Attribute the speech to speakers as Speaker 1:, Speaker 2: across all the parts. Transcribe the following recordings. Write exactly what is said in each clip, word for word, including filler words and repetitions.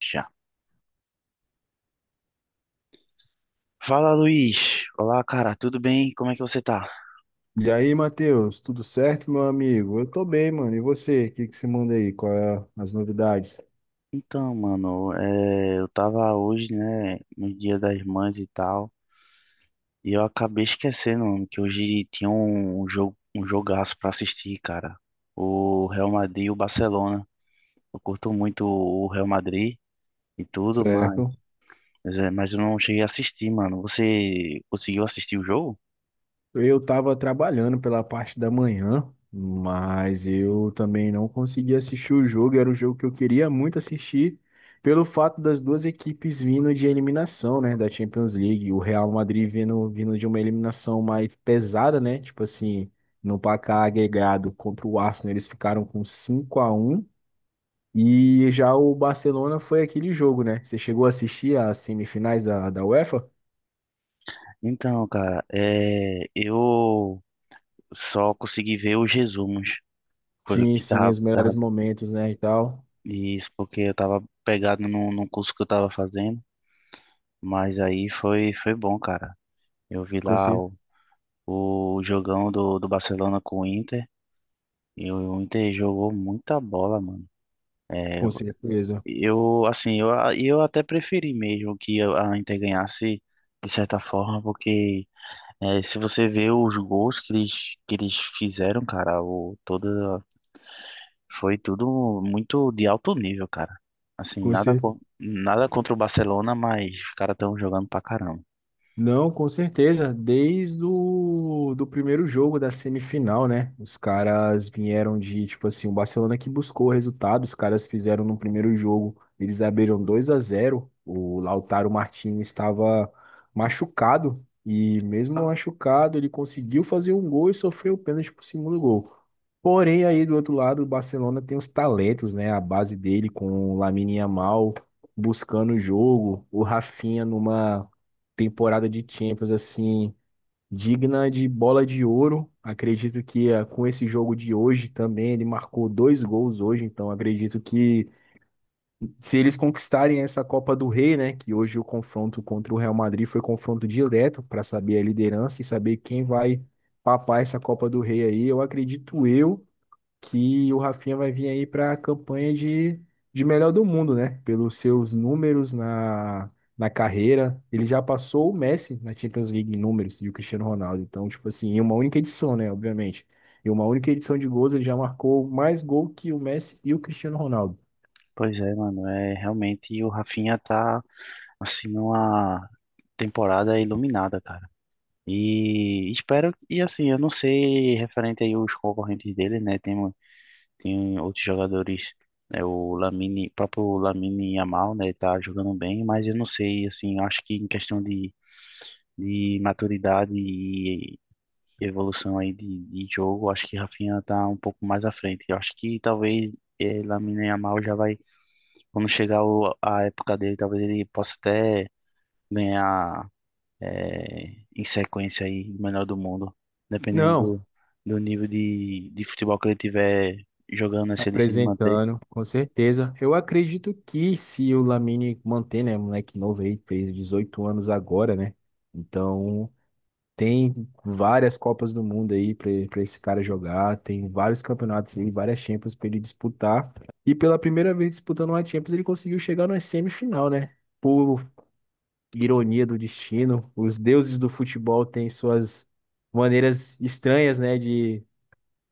Speaker 1: Já. Fala, Luiz. Olá, cara, tudo bem? Como é que você tá?
Speaker 2: E aí, Matheus, tudo certo, meu amigo? Eu tô bem, mano. E você? O que que você manda aí? Qual é as novidades?
Speaker 1: Então, mano, é, eu tava hoje, né, no Dia das Mães e tal, e eu acabei esquecendo, mano, que hoje tinha um, um jogo, um jogaço pra assistir, cara. O Real Madrid e o Barcelona. Eu curto muito o Real Madrid e tudo, mas,
Speaker 2: Certo.
Speaker 1: mas é, mas eu não cheguei a assistir, mano. Você conseguiu assistir o jogo?
Speaker 2: Eu tava trabalhando pela parte da manhã, mas eu também não consegui assistir o jogo. Era o jogo que eu queria muito assistir, pelo fato das duas equipes vindo de eliminação, né, da Champions League. O Real Madrid vindo, vindo de uma eliminação mais pesada, né? Tipo assim, no placar agregado contra o Arsenal, eles ficaram com cinco a um. E já o Barcelona foi aquele jogo, né? Você chegou a assistir as semifinais da, da UEFA?
Speaker 1: Então, cara, é, eu só consegui ver os resumos. Foi o
Speaker 2: Sim,
Speaker 1: que
Speaker 2: sim,
Speaker 1: tava,
Speaker 2: os melhores
Speaker 1: tava
Speaker 2: momentos, né, e tal.
Speaker 1: E Isso, porque eu tava pegado num, num curso que eu tava fazendo, mas aí foi, foi bom, cara. Eu vi
Speaker 2: Com,
Speaker 1: lá
Speaker 2: cer-
Speaker 1: o, o jogão do, do Barcelona com o Inter, e o Inter jogou muita bola, mano. É,
Speaker 2: com certeza.
Speaker 1: eu, assim, eu, eu até preferi mesmo que a Inter ganhasse, de certa forma, porque é, se você vê os gols que eles, que eles fizeram, cara, o, toda Foi tudo muito de alto nível, cara. Assim,
Speaker 2: Com
Speaker 1: nada,
Speaker 2: certeza.
Speaker 1: co- nada contra o Barcelona, mas os caras estão jogando pra caramba.
Speaker 2: Não, com certeza. Desde o do primeiro jogo da semifinal, né? Os caras vieram de, tipo assim, o Barcelona que buscou o resultado. Os caras fizeram no primeiro jogo, eles abriram dois a zero. O Lautaro Martinez estava machucado e mesmo machucado, ele conseguiu fazer um gol e sofreu o pênalti pro segundo gol. Porém, aí do outro lado, o Barcelona tem os talentos, né? A base dele com o Lamine Yamal buscando o jogo, o Rafinha numa temporada de Champions assim digna de bola de ouro. Acredito que eh, com esse jogo de hoje também ele marcou dois gols hoje, então acredito que se eles conquistarem essa Copa do Rei, né, que hoje o confronto contra o Real Madrid foi confronto direto para saber a liderança e saber quem vai papar essa Copa do Rei aí, eu acredito eu que o Rafinha vai vir aí para a campanha de, de melhor do mundo, né? Pelos seus números na, na carreira. Ele já passou o Messi na Champions League em números e o Cristiano Ronaldo. Então, tipo assim, em uma única edição, né? Obviamente. Em uma única edição de gols, ele já marcou mais gol que o Messi e o Cristiano Ronaldo.
Speaker 1: Pois é, mano, é realmente o Rafinha tá assim numa temporada iluminada, cara. E espero e assim, eu não sei referente aí os concorrentes dele, né? Tem, tem outros jogadores, né? O Lamine, próprio Lamine Yamal, né, tá jogando bem, mas eu não sei assim, eu acho que em questão de de maturidade e evolução aí de, de jogo, acho que Rafinha tá um pouco mais à frente. Eu acho que talvez eh, Lamine Yamal já vai, quando chegar o- a época dele, talvez ele possa até ganhar eh, em sequência aí o melhor do mundo, dependendo
Speaker 2: Não.
Speaker 1: do, do nível de, de futebol que ele tiver jogando, né, se ele se manter.
Speaker 2: Apresentando, com certeza. Eu acredito que se o Lamine manter, né, moleque novo aí, fez dezoito anos agora, né? Então, tem várias Copas do Mundo aí para esse cara jogar, tem vários campeonatos aí, várias Champions para ele disputar. E pela primeira vez disputando uma Champions, ele conseguiu chegar na semifinal, né? Por ironia do destino, os deuses do futebol têm suas maneiras estranhas, né,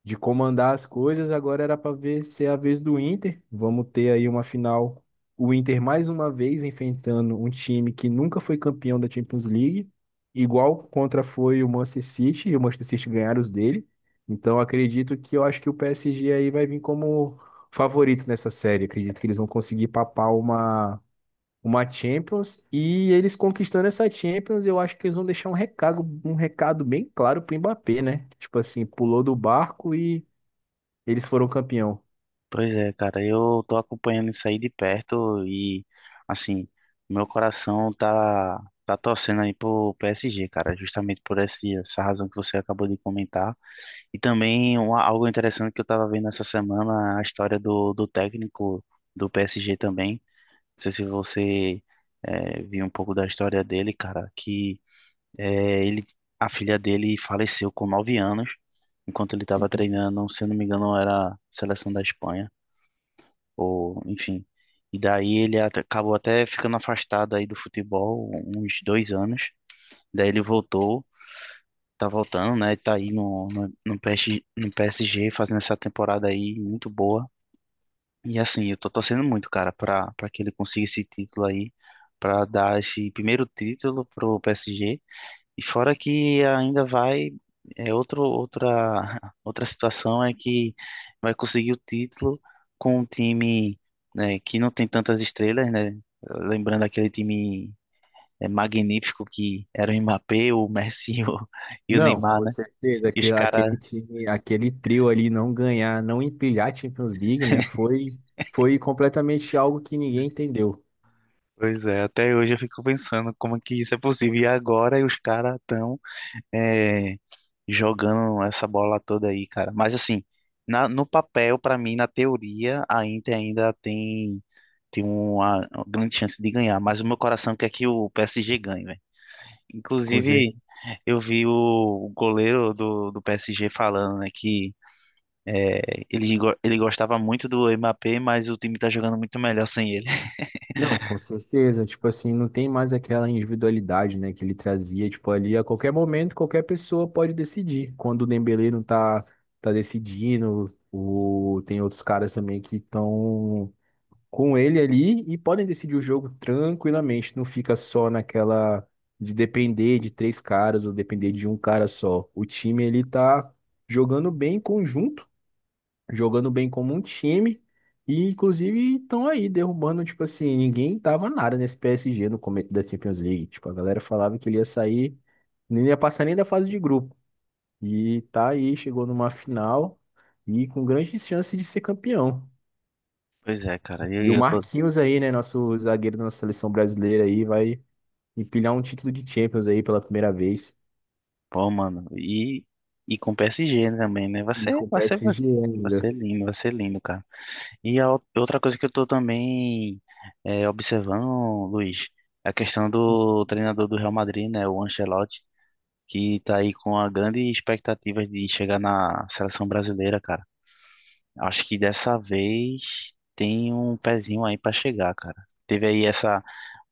Speaker 2: de comandar as coisas, agora era para ver se é a vez do Inter. Vamos ter aí uma final. O Inter mais uma vez enfrentando um time que nunca foi campeão da Champions League, igual contra foi o Manchester City, e o Manchester City ganharam os dele. Então acredito que eu acho que o P S G aí vai vir como favorito nessa série. Acredito que eles vão conseguir papar uma uma Champions e eles conquistando essa Champions, eu acho que eles vão deixar um recado, um recado bem claro pro Mbappé, né? Tipo assim, pulou do barco e eles foram campeão.
Speaker 1: Pois é, cara, eu tô acompanhando isso aí de perto e, assim, meu coração tá, tá torcendo aí pro P S G, cara, justamente por esse, essa razão que você acabou de comentar. E também um, algo interessante que eu tava vendo essa semana, a história do, do técnico do P S G também. Não sei se você eh, viu um pouco da história dele, cara, que eh, ele, a filha dele faleceu com nove anos, enquanto ele tava
Speaker 2: Que-
Speaker 1: treinando, se eu não me engano, era a seleção da Espanha ou enfim. E daí ele at- acabou até ficando afastado aí do futebol uns dois anos. Daí ele voltou, tá voltando, né? Tá aí no, no, no P S G, no P S G fazendo essa temporada aí muito boa. E assim, eu tô torcendo muito, cara, pra, pra que ele consiga esse título aí, pra dar esse primeiro título pro P S G e fora que ainda vai, é outro, outra, outra situação é que vai conseguir o título com um time, né, que não tem tantas estrelas, né? Lembrando aquele time é, magnífico que era o Mbappé, o Messi e o, e o
Speaker 2: Não,
Speaker 1: Neymar,
Speaker 2: com
Speaker 1: né?
Speaker 2: certeza.
Speaker 1: E os
Speaker 2: Aquele,
Speaker 1: caras,
Speaker 2: aquele time, aquele trio ali não ganhar, não empilhar a Champions League, né? Foi, foi completamente algo que ninguém entendeu.
Speaker 1: pois é, até hoje eu fico pensando como é que isso é possível. E agora os caras estão é, jogando essa bola toda aí, cara. Mas assim, na- no papel, pra mim, na teoria, a Inter ainda tem, tem uma grande chance de ganhar. Mas o meu coração quer que o P S G ganhe, velho.
Speaker 2: Com cer-
Speaker 1: Inclusive, eu vi o goleiro do, do P S G falando, né, que é, ele, go- ele gostava muito do Mbappé, mas o time tá jogando muito melhor sem ele.
Speaker 2: Não, com certeza. Tipo assim, não tem mais aquela individualidade, né, que ele trazia. Tipo, ali a qualquer momento, qualquer pessoa pode decidir. Quando o Dembélé não tá, tá decidindo, o, tem outros caras também que estão com ele ali e podem decidir o jogo tranquilamente. Não fica só naquela de depender de três caras ou depender de um cara só. O time ele tá jogando bem em conjunto, jogando bem como um time. E inclusive estão aí derrubando, tipo assim, ninguém tava nada nesse P S G no começo da Champions League. Tipo, a galera falava que ele ia sair, nem ia passar nem da fase de grupo. E tá aí, chegou numa final e com grandes chances de ser campeão.
Speaker 1: Pois é, cara. eu,
Speaker 2: E o
Speaker 1: eu tô,
Speaker 2: Marquinhos aí, né? Nosso zagueiro da nossa seleção brasileira aí, vai empilhar um título de Champions aí pela primeira vez.
Speaker 1: Pô, mano, e, e com o P S G também, né? Vai
Speaker 2: E
Speaker 1: ser,
Speaker 2: com o
Speaker 1: vai ser, vai
Speaker 2: P S G ainda.
Speaker 1: ser lindo, vai ser lindo, cara. E a ou- outra coisa que eu tô também é, observando, Luiz, é a questão do treinador do Real Madrid, né? O Ancelotti, que tá aí com a grande expectativa de chegar na seleção brasileira, cara. Acho que dessa vez tem um pezinho aí pra chegar, cara. Teve aí essa,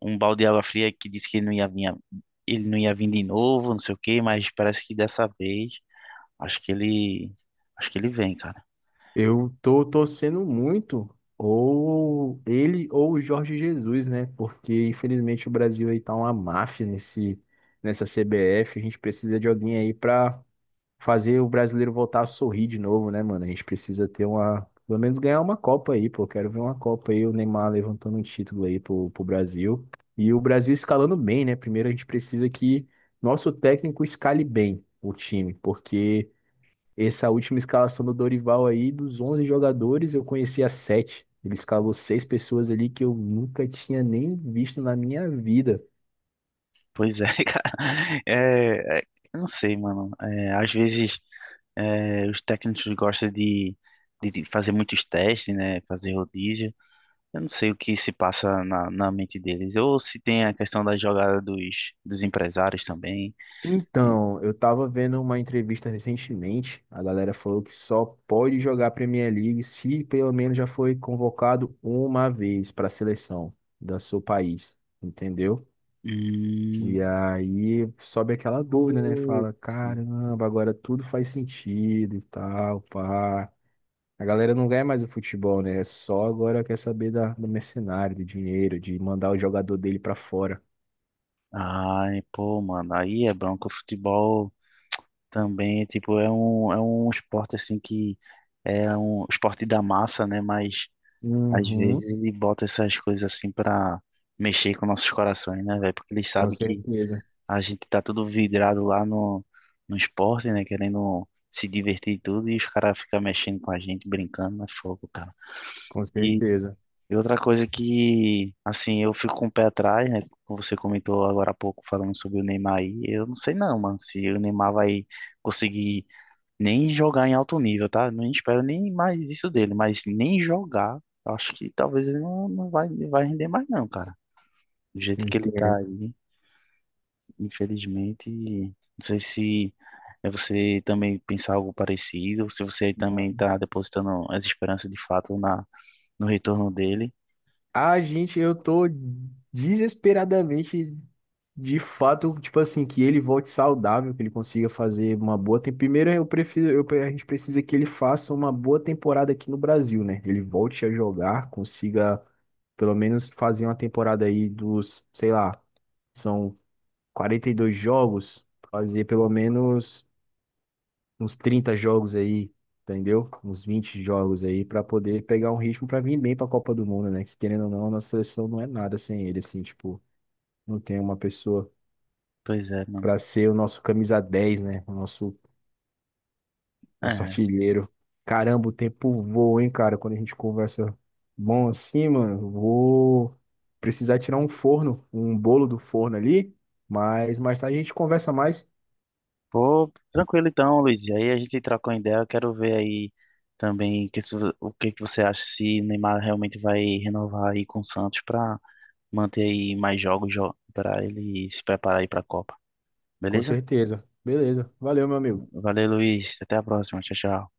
Speaker 1: um balde de água fria que disse que ele não ia vir, ele não ia vir de novo, não sei o quê, mas parece que dessa vez. Acho que ele. Acho que ele vem, cara.
Speaker 2: Eu tô torcendo muito ou ele ou o Jorge Jesus, né? Porque infelizmente o Brasil aí tá uma máfia nesse nessa C B F, a gente precisa de alguém aí para fazer o brasileiro voltar a sorrir de novo, né, mano? A gente precisa ter uma. Pelo menos ganhar uma Copa aí, pô. Quero ver uma Copa aí, o Neymar levantando um título aí pro, pro Brasil. E o Brasil escalando bem, né? Primeiro a gente precisa que nosso técnico escale bem o time, porque essa última escalação do Dorival aí, dos onze jogadores, eu conhecia sete. Ele escalou seis pessoas ali que eu nunca tinha nem visto na minha vida.
Speaker 1: Pois é, cara. É, é, eu não sei, mano. É, às vezes é, os técnicos gostam de, de, de fazer muitos testes, né? Fazer rodízio. Eu não sei o que se passa na, na mente deles. Ou se tem a questão da jogada dos, dos empresários também.
Speaker 2: Então, eu tava vendo uma entrevista recentemente, a galera falou que só pode jogar Premier League se pelo menos já foi convocado uma vez para a seleção do seu país, entendeu?
Speaker 1: Hum,
Speaker 2: E aí sobe aquela dúvida, né? Fala,
Speaker 1: putz.
Speaker 2: caramba, agora tudo faz sentido e tal, pá. A galera não ganha mais o futebol, né? É só agora quer saber da, do mercenário, do dinheiro, de mandar o jogador dele para fora.
Speaker 1: Ai, pô, mano. Aí é bronco. O futebol. Também, tipo, é um, é um esporte assim que é um esporte da massa, né? Mas às
Speaker 2: Uhum,
Speaker 1: vezes ele bota essas coisas assim pra mexer com nossos corações, né, velho? Porque ele
Speaker 2: com
Speaker 1: sabe que
Speaker 2: certeza,
Speaker 1: a gente tá tudo vidrado lá no, no esporte, né? Querendo se divertir e tudo, e os caras ficam mexendo com a gente, brincando, é fogo, cara.
Speaker 2: com
Speaker 1: E
Speaker 2: certeza.
Speaker 1: e outra coisa que, assim, eu fico com o pé atrás, né? Como você comentou agora há pouco, falando sobre o Neymar aí, eu não sei não, mano, se o Neymar vai conseguir nem jogar em alto nível, tá? Não espero nem mais isso dele, mas nem jogar, eu acho que talvez ele não, não vai, vai render mais não, cara. Do jeito que ele tá
Speaker 2: Então,
Speaker 1: aí, infelizmente, não sei se é você também pensar algo parecido, se você também tá depositando as esperanças de fato na, no retorno dele.
Speaker 2: A gente, eu tô desesperadamente, de fato, tipo assim, que ele volte saudável, que ele consiga fazer uma boa. tem- Primeiro, eu prefiro, eu- a gente precisa que ele faça uma boa temporada aqui no Brasil, né? Ele volte a jogar, consiga pelo menos fazer uma temporada aí dos, sei lá, são quarenta e dois jogos, fazer pelo menos uns trinta jogos aí, entendeu? Uns vinte jogos aí pra poder pegar um ritmo pra vir bem pra Copa do Mundo, né? Que querendo ou não, a nossa seleção não é nada sem ele, assim, tipo, não tem uma pessoa
Speaker 1: Pois é, mano.
Speaker 2: pra ser o nosso camisa dez né? O nosso, nosso
Speaker 1: É.
Speaker 2: artilheiro. Caramba, o tempo voa, hein, cara? Quando a gente conversa bom assim, mano, vou precisar tirar um forno, um bolo do forno ali, mas mais tarde a gente conversa mais,
Speaker 1: Pô, tranquilo então, Luiz. E aí a gente trocou ideia, eu quero ver aí também que, se- o que que você acha se o Neymar realmente vai renovar aí com o Santos para manter aí mais jogos para ele se preparar aí para a Copa.
Speaker 2: com
Speaker 1: Beleza?
Speaker 2: certeza. Beleza, valeu, meu amigo.
Speaker 1: Valeu, Luiz. Até a próxima. Tchau, tchau.